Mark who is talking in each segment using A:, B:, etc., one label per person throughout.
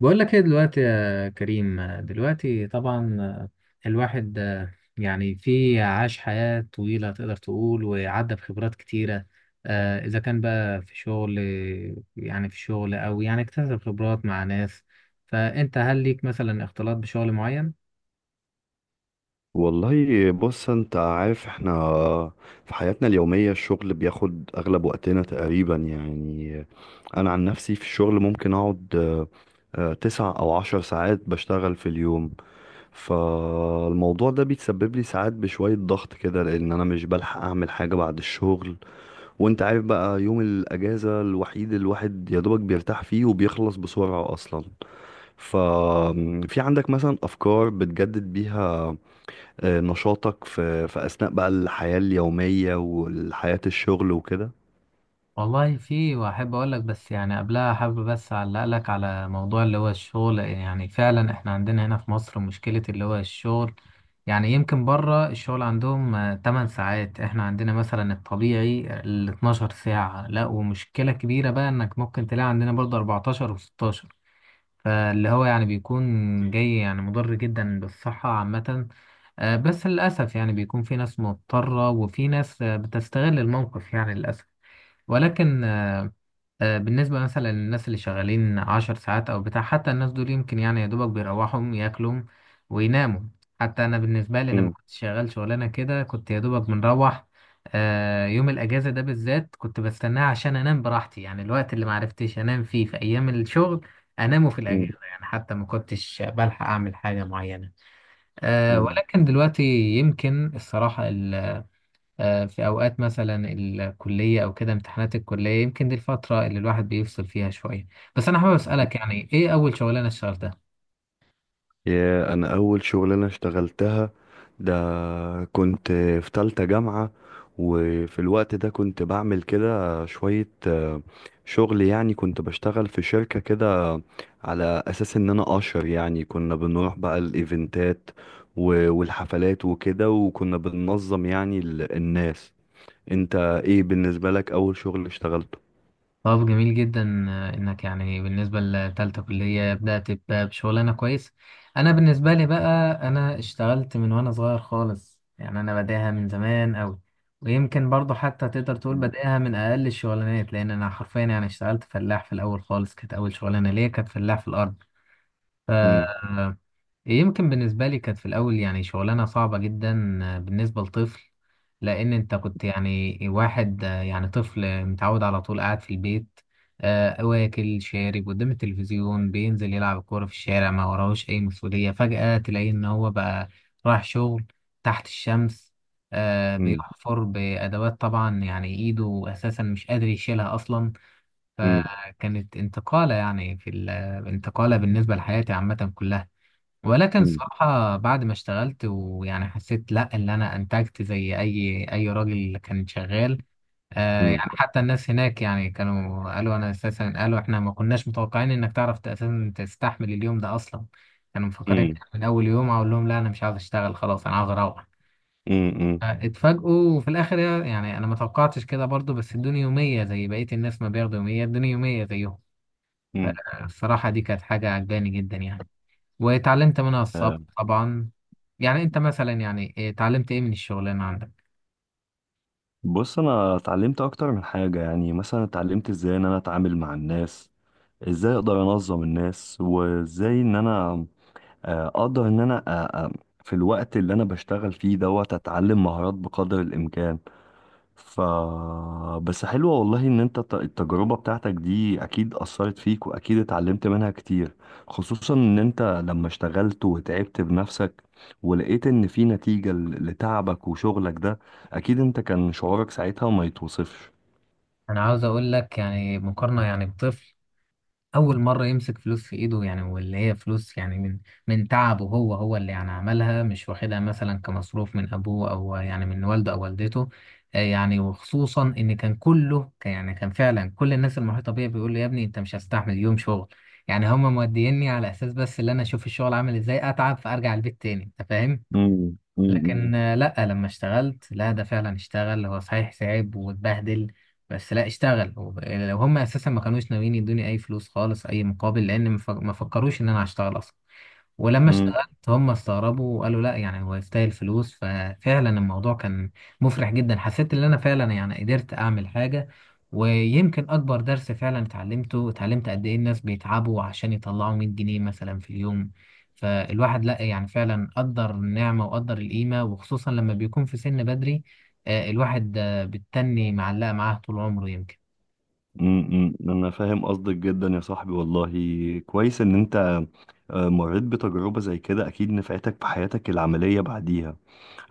A: بقول لك ايه دلوقتي يا كريم. دلوقتي طبعا الواحد يعني في عاش حياة طويلة تقدر تقول وعدى بخبرات كتيرة. إذا كان بقى في شغل، يعني في شغل أو يعني اكتسب خبرات مع ناس، فأنت هل ليك مثلا اختلاط بشغل معين؟
B: والله بص انت عارف احنا في حياتنا اليومية الشغل بياخد اغلب وقتنا تقريبا، يعني انا عن نفسي في الشغل ممكن اقعد 9 أو 10 ساعات بشتغل في اليوم. فالموضوع ده بيتسبب لي ساعات بشوية ضغط كده، لان انا مش بلحق اعمل حاجة بعد الشغل. وانت عارف بقى يوم الاجازة الوحيد الواحد يا دوبك بيرتاح فيه وبيخلص بسرعة اصلا. ففي عندك مثلا افكار بتجدد بيها نشاطك في أثناء بقى الحياة اليومية والحياة الشغل وكده؟
A: والله في، واحب اقول لك، بس يعني قبلها حابب بس اعلق لك على موضوع اللي هو الشغل. يعني فعلا احنا عندنا هنا في مصر مشكلة اللي هو الشغل. يعني يمكن بره الشغل عندهم 8 ساعات، احنا عندنا مثلا الطبيعي ال 12 ساعة، لا ومشكلة كبيرة بقى انك ممكن تلاقي عندنا برضه 14 و16. فاللي هو يعني بيكون جاي يعني مضر جدا بالصحة عامة. بس للأسف يعني بيكون في ناس مضطرة وفي ناس بتستغل الموقف يعني للأسف. ولكن بالنسبة مثلا للناس اللي شغالين 10 ساعات أو بتاع، حتى الناس دول يمكن يعني يا دوبك بيروحوا ياكلوا ويناموا. حتى أنا بالنسبة لي لما
B: مم.
A: كنت شغال شغلانة كده كنت يا دوبك بنروح. يوم الأجازة ده بالذات كنت بستناه عشان أنام براحتي، يعني الوقت اللي معرفتش أنام فيه في أيام الشغل أنامه في
B: مم.
A: الأجازة. يعني حتى ما كنتش بلحق أعمل حاجة معينة.
B: مم.
A: ولكن دلوقتي يمكن الصراحة في أوقات مثلا الكلية أو كده امتحانات الكلية، يمكن دي الفترة اللي الواحد بيفصل فيها شوية. بس أنا حابب أسألك، يعني إيه أول شغلانة اشتغلتها؟
B: يا، أنا أول شغلانة اشتغلتها ده كنت في تالتة جامعة. وفي الوقت ده كنت بعمل كده شوية شغل، يعني كنت بشتغل في شركة كده على أساس إن أنا أشر، يعني كنا بنروح بقى الإيفنتات والحفلات وكده، وكنا بننظم يعني الناس. انت ايه بالنسبة لك اول شغل اشتغلته؟
A: طب جميل جدا إنك يعني بالنسبة لتالتة كلية بدأت بشغلانة كويس. أنا بالنسبة لي بقى أنا اشتغلت من وأنا صغير خالص، يعني أنا بداها من زمان أوي. ويمكن برضه حتى تقدر تقول بداها من أقل الشغلانات، لأن أنا حرفيا يعني اشتغلت فلاح في الأول خالص. كانت أول شغلانة ليا كانت فلاح في الأرض.
B: مم.
A: يمكن بالنسبة لي كانت في الأول يعني شغلانة صعبة جدا بالنسبة لطفل، لأن أنت كنت يعني واحد يعني طفل متعود على طول قاعد في البيت، واكل شارب قدام التلفزيون، بينزل يلعب كورة في الشارع، ما وراهوش أي مسؤولية. فجأة تلاقيه إن هو بقى رايح شغل تحت الشمس،
B: مم.
A: بيحفر بأدوات، طبعا يعني إيده أساسا مش قادر يشيلها أصلا.
B: مم.
A: فكانت انتقالة، يعني في الانتقالة بالنسبة لحياتي عامة كلها. ولكن
B: مم.
A: الصراحة بعد ما اشتغلت ويعني حسيت، لا اللي انا انتجت زي اي، راجل كان شغال. آه يعني حتى الناس هناك يعني كانوا قالوا انا، اساسا قالوا احنا ما كناش متوقعين انك تعرف اساسا تستحمل اليوم ده اصلا. كانوا مفكرين
B: مم.
A: من اول يوم اقول لهم لا انا مش عاوز اشتغل خلاص انا عاوز اروح.
B: مم. مم.
A: اتفاجئوا في الاخر. يعني انا ما توقعتش كده برضو، بس ادوني يومية زي بقية الناس ما بياخدوا يومية، ادوني يومية زيهم.
B: مم.
A: الصراحة دي كانت حاجة عجباني جدا يعني، واتعلمت منها الصبر طبعا. يعني انت مثلا يعني إيه اتعلمت ايه من الشغلانه عندك؟
B: بص انا اتعلمت اكتر من حاجة، يعني مثلا اتعلمت ازاي ان انا اتعامل مع الناس، ازاي اقدر انظم الناس، وازاي ان انا اقدر ان انا آه، في الوقت اللي انا بشتغل فيه دوت اتعلم مهارات بقدر الامكان. ف بس حلوة والله ان انت التجربة بتاعتك دي اكيد اثرت فيك واكيد اتعلمت منها كتير، خصوصا ان انت لما اشتغلت وتعبت بنفسك ولقيت ان في نتيجة لتعبك وشغلك ده، اكيد انت كان شعورك ساعتها ما يتوصفش.
A: انا عاوز اقول لك يعني مقارنه يعني بطفل اول مره يمسك فلوس في ايده، يعني واللي هي فلوس يعني من من تعبه هو، هو اللي يعني عملها، مش واخدها مثلا كمصروف من ابوه او يعني من والده او والدته. يعني وخصوصا ان كان كله يعني كان فعلا كل الناس المحيطه بيا بيقول لي يا ابني انت مش هستحمل يوم شغل. يعني هم موديني على اساس بس اللي انا اشوف الشغل عامل ازاي، اتعب فارجع البيت تاني. انت فاهم؟
B: امم. امم.
A: لكن لا لما اشتغلت، لا ده فعلا اشتغل. هو صحيح تعب واتبهدل، بس لا اشتغل. لو هم اساسا ما كانوش ناويين يدوني اي فلوس خالص اي مقابل، لان ما فكروش ان انا هشتغل اصلا. ولما
B: امم.
A: اشتغلت هم استغربوا وقالوا لا يعني هو يستاهل فلوس. ففعلا الموضوع كان مفرح جدا. حسيت ان انا فعلا يعني قدرت اعمل حاجة. ويمكن اكبر درس فعلا اتعلمته، اتعلمت قد ايه الناس بيتعبوا عشان يطلعوا 100 جنيه مثلا في اليوم. فالواحد لا، يعني فعلا قدر النعمة وقدر القيمة، وخصوصا لما بيكون في سن بدري. الواحد بتتني معلقة معاه طول عمره يمكن.
B: امم. انا فاهم قصدك جدا يا صاحبي والله. كويس ان انت مريت بتجربة زي كده، اكيد نفعتك في حياتك العملية بعديها.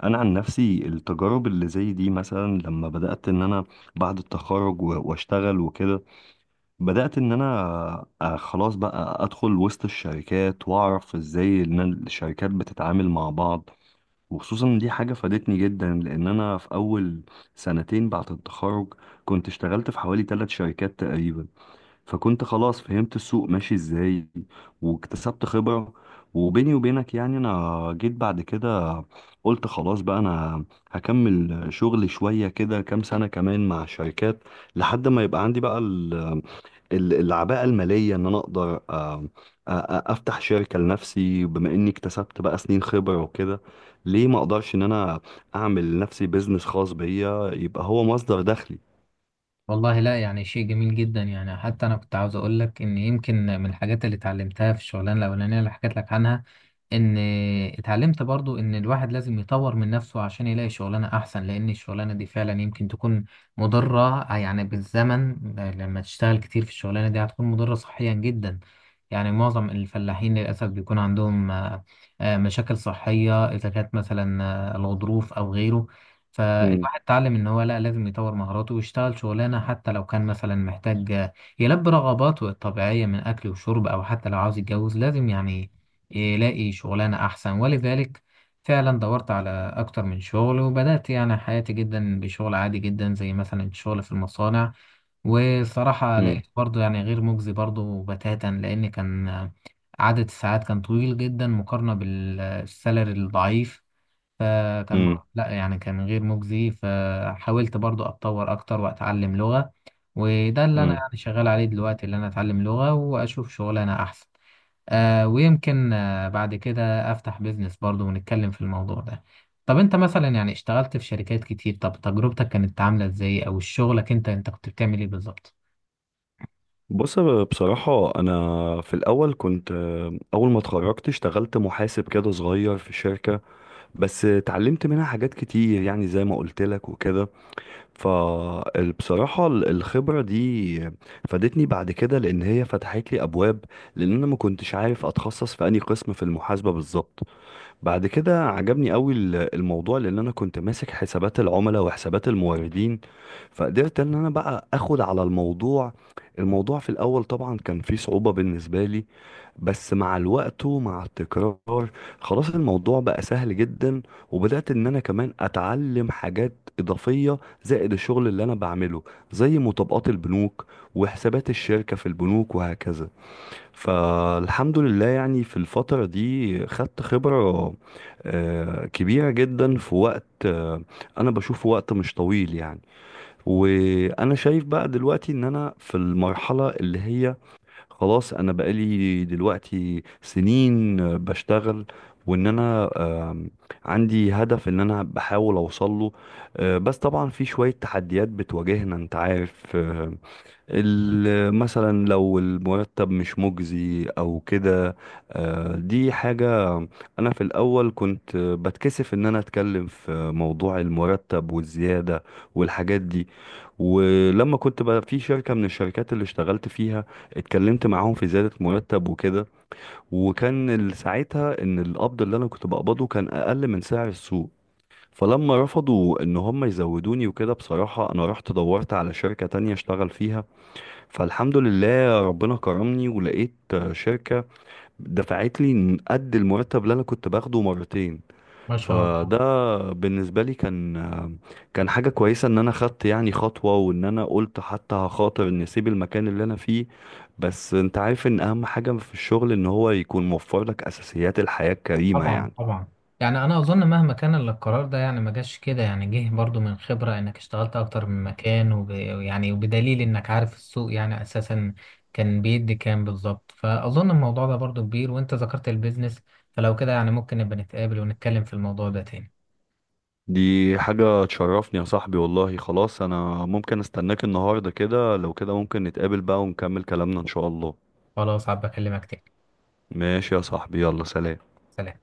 B: انا عن نفسي التجارب اللي زي دي مثلا لما بدات ان انا بعد التخرج واشتغل وكده، بدات ان انا خلاص بقى ادخل وسط الشركات واعرف ازاي ان الشركات بتتعامل مع بعض، وخصوصا إن دي حاجه فادتني جدا لان انا في اول سنتين بعد التخرج كنت اشتغلت في حوالي ثلاث شركات تقريبا، فكنت خلاص فهمت السوق ماشي ازاي واكتسبت خبرة. وبيني وبينك يعني انا جيت بعد كده قلت خلاص بقى انا هكمل شغل شوية كده كام سنة كمان مع شركات، لحد ما يبقى عندي بقى العباءة المالية ان انا اقدر افتح شركة لنفسي، بما اني اكتسبت بقى سنين خبرة وكده، ليه ما اقدرش ان انا اعمل لنفسي بيزنس خاص بيا يبقى هو مصدر دخلي؟
A: والله لا، يعني شيء جميل جدا. يعني حتى انا كنت عاوز اقول لك ان يمكن من الحاجات اللي اتعلمتها في الشغلانه الاولانيه اللي حكيت لك عنها، ان اتعلمت برضو ان الواحد لازم يطور من نفسه عشان يلاقي شغلانه احسن. لان الشغلانه دي فعلا يمكن تكون مضره يعني بالزمن. لما تشتغل كتير في الشغلانه دي هتكون مضره صحيا جدا. يعني معظم الفلاحين للاسف بيكون عندهم مشاكل صحيه، اذا كانت مثلا الغضروف او غيره.
B: مم.
A: فالواحد اتعلم ان هو لا، لازم يطور مهاراته ويشتغل شغلانه. حتى لو كان مثلا محتاج يلبي رغباته الطبيعيه من اكل وشرب، او حتى لو عاوز يتجوز، لازم يعني يلاقي شغلانه احسن. ولذلك فعلا دورت على اكتر من شغل، وبدات يعني حياتي جدا بشغل عادي جدا زي مثلا الشغل في المصانع. والصراحه
B: مم.
A: لقيت برضه يعني غير مجزي برضه بتاتا، لان كان عدد الساعات كان طويل جدا مقارنه بالسالري الضعيف.
B: مم.
A: لا يعني كان غير مجزي. فحاولت برضو اتطور اكتر واتعلم لغة، وده اللي انا
B: مم.
A: يعني شغال عليه دلوقتي، اللي انا اتعلم لغة واشوف شغلانة احسن. آه، ويمكن آه بعد كده افتح بيزنس برضو ونتكلم في الموضوع ده. طب انت مثلا يعني اشتغلت في شركات كتير، طب تجربتك كانت عاملة ازاي؟ او شغلك انت كنت بتعمل ايه بالظبط؟
B: بص بصراحة أنا في الأول كنت، أول ما اتخرجت اشتغلت محاسب كده صغير في شركة، بس اتعلمت منها حاجات كتير يعني زي ما قلت لك وكده. فبصراحة الخبرة دي فادتني بعد كده لأن هي فتحت لي أبواب، لأن أنا ما كنتش عارف أتخصص في أي قسم في المحاسبة بالظبط. بعد كده عجبني قوي الموضوع، لان انا كنت ماسك حسابات العملاء وحسابات الموردين، فقدرت ان انا بقى اخد على الموضوع. الموضوع في الاول طبعا كان فيه صعوبة بالنسبة لي، بس مع الوقت ومع التكرار خلاص الموضوع بقى سهل جدا، وبدأت ان انا كمان اتعلم حاجات اضافية زائد الشغل اللي انا بعمله، زي مطابقات البنوك وحسابات الشركة في البنوك وهكذا. فالحمد لله يعني في الفترة دي خدت خبرة كبيرة جدا في وقت، أنا بشوفه وقت مش طويل يعني. وأنا شايف بقى دلوقتي إن أنا في المرحلة اللي هي خلاص، أنا بقالي دلوقتي سنين بشتغل، وإن أنا آم، عندي هدف إن أنا بحاول أوصله. بس طبعا في شوية تحديات بتواجهنا أنت عارف، مثلا لو المرتب مش مجزي او كده. دي حاجة، انا في الاول كنت بتكسف ان انا اتكلم في موضوع المرتب والزيادة والحاجات دي. ولما كنت بقى في شركة من الشركات اللي اشتغلت فيها اتكلمت معاهم في زيادة مرتب وكده، وكان ساعتها ان القبض اللي انا كنت بقبضه كان اقل من سعر السوق. فلما رفضوا ان هم يزودوني وكده، بصراحة انا رحت دورت على شركة تانية اشتغل فيها، فالحمد لله ربنا كرمني ولقيت شركة دفعت لي قد المرتب اللي انا كنت باخده مرتين.
A: ما شاء الله.
B: فده بالنسبة لي كان حاجة كويسة ان انا خدت يعني خطوة وان انا قلت حتى هخاطر ان اسيب المكان اللي انا فيه، بس انت عارف ان اهم حاجة في الشغل ان هو يكون موفر لك اساسيات الحياة الكريمة
A: طبعا،
B: يعني.
A: طبعا. يعني انا اظن مهما كان القرار ده يعني ما جاش كده، يعني جه برضو من خبرة انك اشتغلت اكتر من مكان، يعني وبدليل انك عارف السوق يعني اساسا كان بيدي كام بالظبط. فاظن الموضوع ده برضو كبير، وانت ذكرت البيزنس، فلو كده يعني ممكن نبقى نتقابل ونتكلم في الموضوع ده تاني.
B: دي حاجة تشرفني يا صاحبي والله، خلاص انا ممكن استناك النهاردة كده، لو كده ممكن نتقابل بقى ونكمل كلامنا ان شاء الله.
A: خلاص، عب اكلمك تاني.
B: ماشي يا صاحبي، يلا سلام.
A: سلام.